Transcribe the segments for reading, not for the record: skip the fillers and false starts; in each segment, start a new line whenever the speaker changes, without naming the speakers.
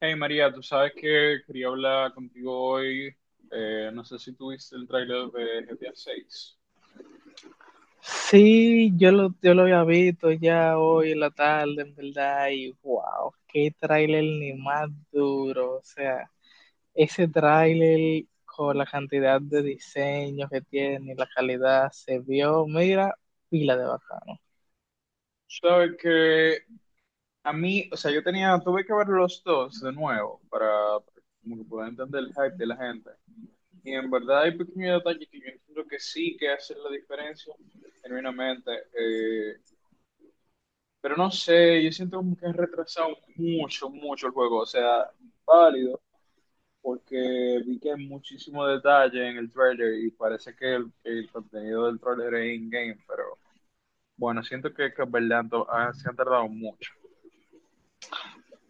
Hey María, tú sabes que quería hablar contigo hoy. No sé si tuviste el tráiler de GTA 6.
Sí, yo lo había visto ya hoy en la tarde, en verdad, y wow, qué tráiler ni más duro. O sea, ese tráiler con la cantidad de diseño que tiene y la calidad se vio, mira, pila de bacano.
Sabes que a mí, o sea, tuve que ver los dos de nuevo para, como que poder entender el hype de la gente. Y en verdad hay pequeños detalles que yo entiendo que sí que hacen la diferencia, genuinamente. Pero no sé, yo siento como que han retrasado mucho, mucho el juego. O sea, válido. Porque vi que hay muchísimo detalle en el trailer y parece que el contenido del trailer es in-game, pero bueno, siento que en verdad se han tardado mucho.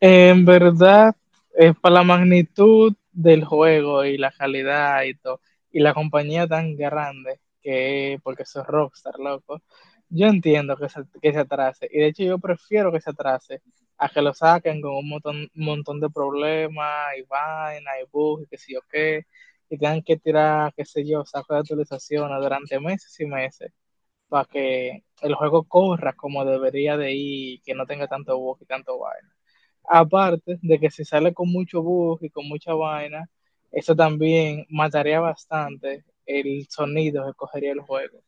En verdad, para la magnitud del juego y la calidad y todo, y la compañía tan grande que es, porque eso es Rockstar, loco, yo entiendo que se atrase. Y de hecho yo prefiero que se atrase a que lo saquen con un montón de problemas y vaina y bugs y qué sé yo qué, y tengan que tirar, qué sé yo, sacos de actualizaciones durante meses y meses para que el juego corra como debería de ir, que no tenga tanto bug y tanto vaina. Aparte de que si sale con mucho bug y con mucha vaina, eso también mataría bastante el sonido que cogería el juego.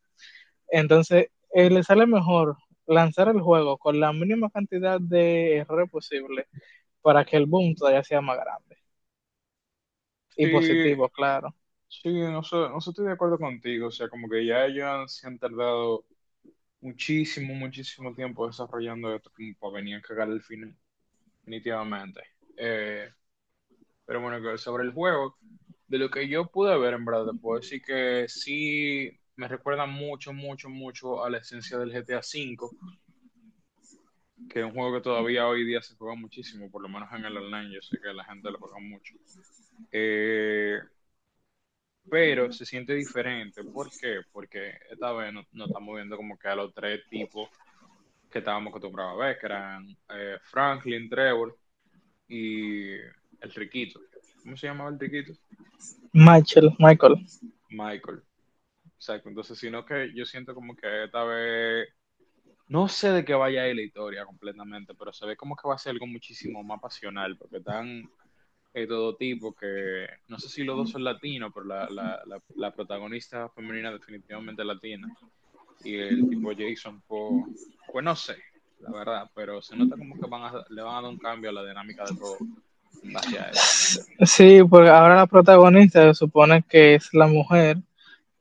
Entonces, le sale mejor lanzar el juego con la mínima cantidad de error posible para que el boom todavía sea más grande y
Sí,
positivo, claro.
sí, no sé, no sé, estoy de acuerdo contigo, o sea, como que ya se han tardado muchísimo, muchísimo tiempo desarrollando esto como para venir a cagar el final, definitivamente. Eh, Pero bueno, que sobre el juego, de lo que yo pude ver, en verdad, te puedo decir que sí me recuerda mucho, mucho, mucho a la esencia del GTA V, que es un juego que todavía hoy día se juega muchísimo, por lo menos en el online, yo sé que la gente lo juega mucho. Eh, pero se siente diferente. ¿Por qué? Porque esta vez no estamos viendo como que a los tres tipos que estábamos acostumbrados a ver, que eran Franklin, Trevor y el riquito. ¿Cómo se llamaba el riquito?
Michael, Michael.
Michael. Exacto, entonces, sino que yo siento como que esta vez, no sé de qué vaya a ir la historia completamente, pero se ve como que va a ser algo muchísimo más pasional, porque están todo tipo que, no sé si los dos son latinos, pero la protagonista femenina definitivamente es latina, y el tipo Jason, pues, pues no sé, la verdad, pero se nota como que van a, le van a dar un cambio a la dinámica del juego en base a eso.
Sí, porque ahora la protagonista se supone que es la mujer,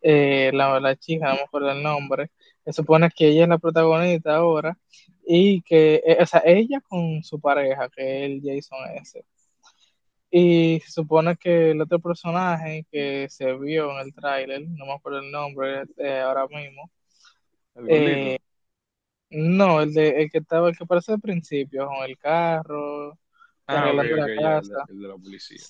la chica, no me acuerdo el nombre, se supone que ella es la protagonista ahora y que, o sea, ella con su pareja, que es el Jason S. Y se supone que el otro personaje que se vio en el tráiler, no me acuerdo el nombre ahora mismo,
El gordito.
no, el que aparece al principio, con el carro,
Ah, ok,
arreglando
ok,
la
ya, el de,
casa.
el de la policía.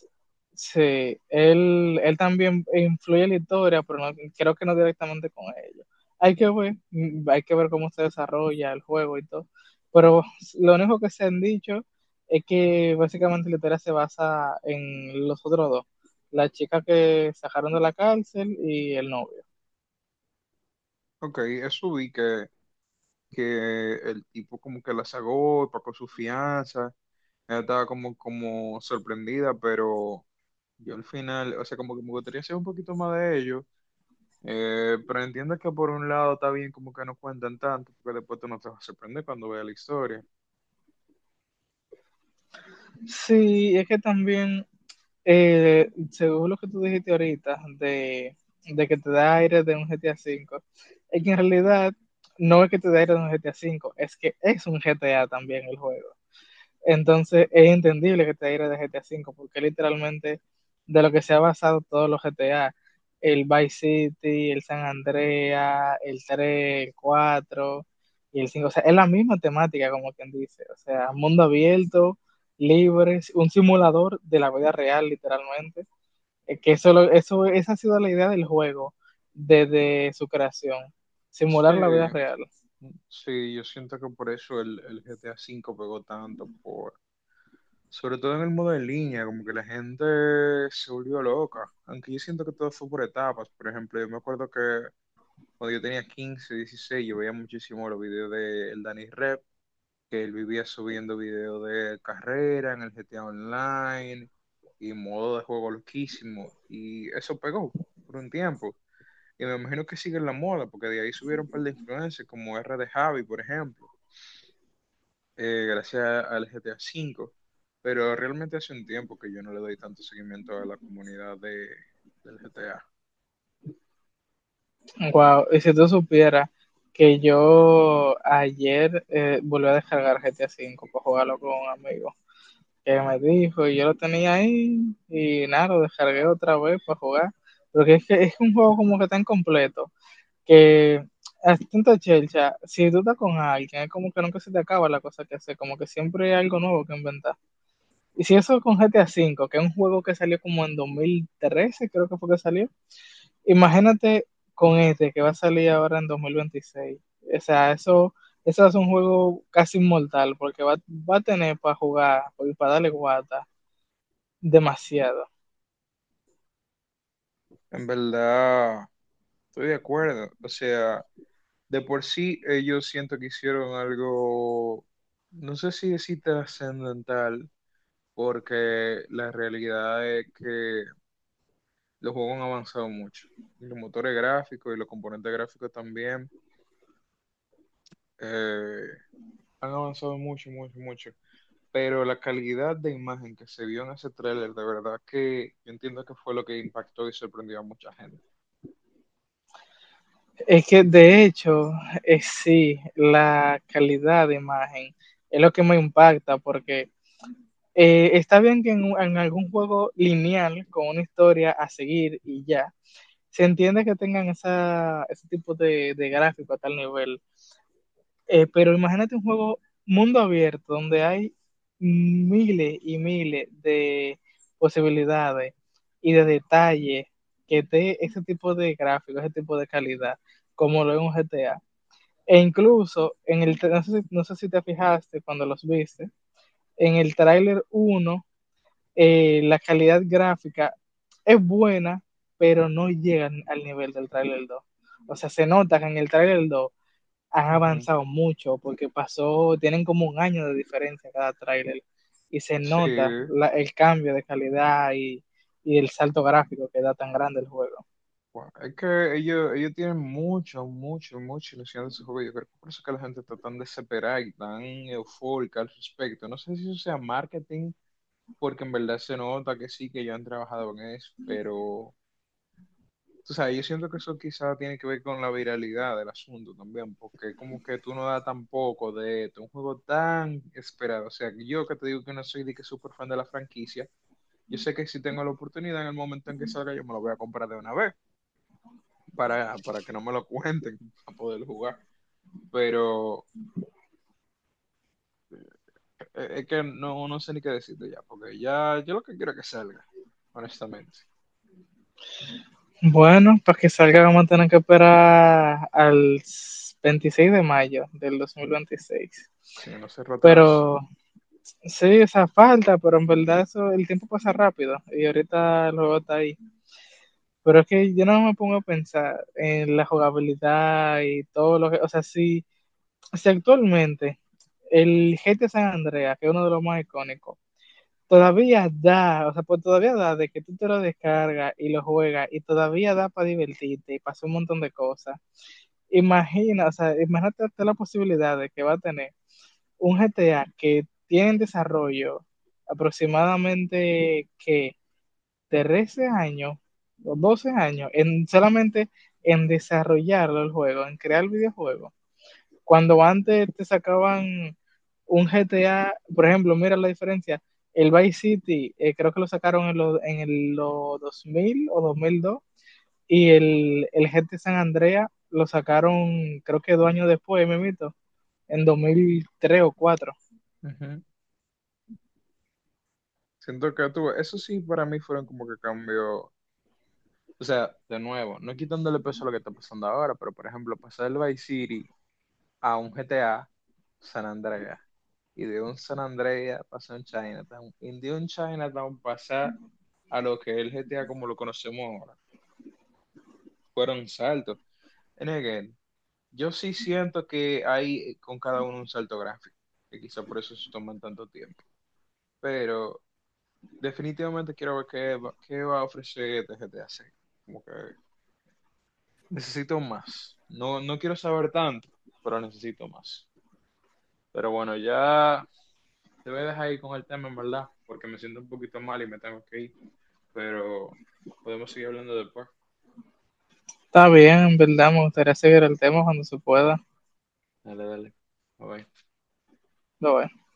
Sí, él también influye en la historia, pero no, creo que no directamente con ellos. Hay que ver, hay que ver cómo se desarrolla el juego y todo. Pero lo único que se han dicho es que básicamente la historia se basa en los otros dos, la chica que sacaron de la cárcel y el novio.
Ok, eso vi que el tipo como que la sagó, y pagó su fianza, ella estaba como, como sorprendida, pero yo al final, o sea, como que me gustaría saber un poquito más de ello, pero entiendo que por un lado está bien como que no cuentan tanto, porque después tú no te vas a sorprender cuando veas la historia.
Sí, es que también según lo que tú dijiste ahorita, de que te da aire de un GTA V, es que en realidad no es que te da aire de un GTA V, es que es un GTA también el juego. Entonces es entendible que te aire de GTA V, porque literalmente de lo que se ha basado todos los GTA, el Vice City, el San Andreas, el tres, el 4 y el cinco. O sea, es la misma temática, como quien dice, o sea, mundo abierto, libre, un simulador de la vida real literalmente. Es que eso, esa ha sido la idea del juego desde su creación, simular la vida
Sí,
real.
sí, yo siento que por eso el GTA 5 pegó tanto, por, sobre todo en el modo en línea, como que la gente se volvió loca, aunque yo siento que todo fue por etapas, por ejemplo, yo me acuerdo que cuando yo tenía 15, 16 yo veía muchísimo los videos de el Danny Rep, que él vivía subiendo videos de carrera en el GTA Online y modo de juego loquísimo. Y eso pegó por un tiempo. Y me imagino que sigue en la moda, porque de ahí subieron un par de influencers como R de Javi, por ejemplo, gracias al GTA 5. Pero realmente hace un tiempo que yo no le doy tanto seguimiento a la comunidad de, del GTA.
Wow, y si tú supieras que yo ayer volví a descargar GTA V para jugarlo con un amigo que me dijo, y yo lo tenía ahí, y nada, lo descargué otra vez para jugar. Porque es que es un juego como que tan completo, que es tanta chelcha, si tú estás con alguien, es como que nunca se te acaba la cosa que hacer, como que siempre hay algo nuevo que inventar. Y si eso con GTA V, que es un juego que salió como en 2013, creo que fue que salió. Imagínate con este que va a salir ahora en 2026. O sea, eso es un juego casi inmortal porque va, va a tener para jugar, porque para darle guata, demasiado.
En verdad, estoy de acuerdo. O sea, de por sí, ellos siento que hicieron algo, no sé si decir trascendental, porque la realidad es que los juegos han avanzado mucho. Y los motores gráficos y los componentes gráficos también eh, han avanzado mucho, mucho, mucho. Pero la calidad de imagen que se vio en ese tráiler, de verdad que yo entiendo que fue lo que impactó y sorprendió a mucha gente.
Es que de hecho, es sí, la calidad de imagen es lo que me impacta porque está bien que en algún juego lineal con una historia a seguir y ya, se entiende que tengan ese tipo de gráfico a tal nivel. Pero imagínate un juego mundo abierto donde hay miles y miles de posibilidades y de detalles que dé ese tipo de gráfico, ese tipo de calidad, como lo es un GTA. E incluso, en el, no sé si te fijaste cuando los viste, en el tráiler uno, la calidad gráfica es buena, pero no llega al nivel del tráiler dos. O sea, se nota que en el tráiler 2 han
Ujú.
avanzado mucho porque pasó, tienen como un año de diferencia cada tráiler, y se nota
Sí,
el cambio de calidad y el salto gráfico que da tan grande el juego.
bueno, es que ellos tienen mucho, mucho, mucha ilusión de ese juego. Yo creo que por eso que la gente está tan desesperada y tan eufórica al respecto. No sé si eso sea marketing, porque en verdad se nota que sí, que ya han trabajado en eso, pero tú sabes, yo siento que eso quizás tiene que ver con la viralidad del asunto también, porque como que tú no das tampoco de esto, un juego tan esperado. O sea, que yo que te digo que no soy de que súper fan de la franquicia, yo sé que si tengo la oportunidad en el momento en que salga, yo me lo voy a comprar de una vez para, que no me lo cuenten, para poder jugar. Pero es que no sé ni qué decirte ya, porque ya yo lo que quiero es que salga, honestamente.
Bueno, para que salga vamos a tener que esperar al 26 de mayo del dos mil veintiséis.
Si no cierro atrás.
Pero sí, esa falta, pero en verdad eso, el tiempo pasa rápido y ahorita el juego está ahí. Pero es que yo no me pongo a pensar en la jugabilidad y todo lo que, o sea, si actualmente el GTA San Andreas, que es uno de los más icónicos, todavía da, o sea, pues todavía da de que tú te lo descargas y lo juegas y todavía da para divertirte y para hacer un montón de cosas. Imagina, o sea, imagínate la posibilidad de que va a tener un GTA que tiene en desarrollo aproximadamente que 13 años o 12 años en solamente en desarrollarlo el juego, en crear el videojuego cuando antes te sacaban un GTA, por ejemplo, mira la diferencia. El Vice City, creo que lo sacaron en los en el, lo 2000 o 2002, y el GTA San Andrea lo sacaron, creo que 2 años después, me mito, en 2003 o 2004.
Ujú. Siento que tuve, eso sí para mí fueron como que cambios, o sea, de nuevo, no quitándole peso a lo que está pasando ahora, pero por ejemplo, pasar del Vice City a un GTA San Andreas, y de un San Andreas pasar a un Chinatown, y de un Chinatown pasar a lo que es el GTA como lo conocemos ahora. Fueron saltos. En again, yo sí siento que hay con cada uno un salto gráfico, que quizá por eso se toman tanto tiempo. Pero definitivamente quiero ver qué va a ofrecer este GTA 6. Como que necesito más. No quiero saber tanto, pero necesito más. Pero bueno, ya te voy a dejar ahí con el tema, en verdad, porque me siento un poquito mal y me tengo que ir. Pero podemos seguir hablando después.
Está bien, en verdad, me gustaría seguir el tema cuando se pueda.
Dale, dale. Bye bye.
Lo veo.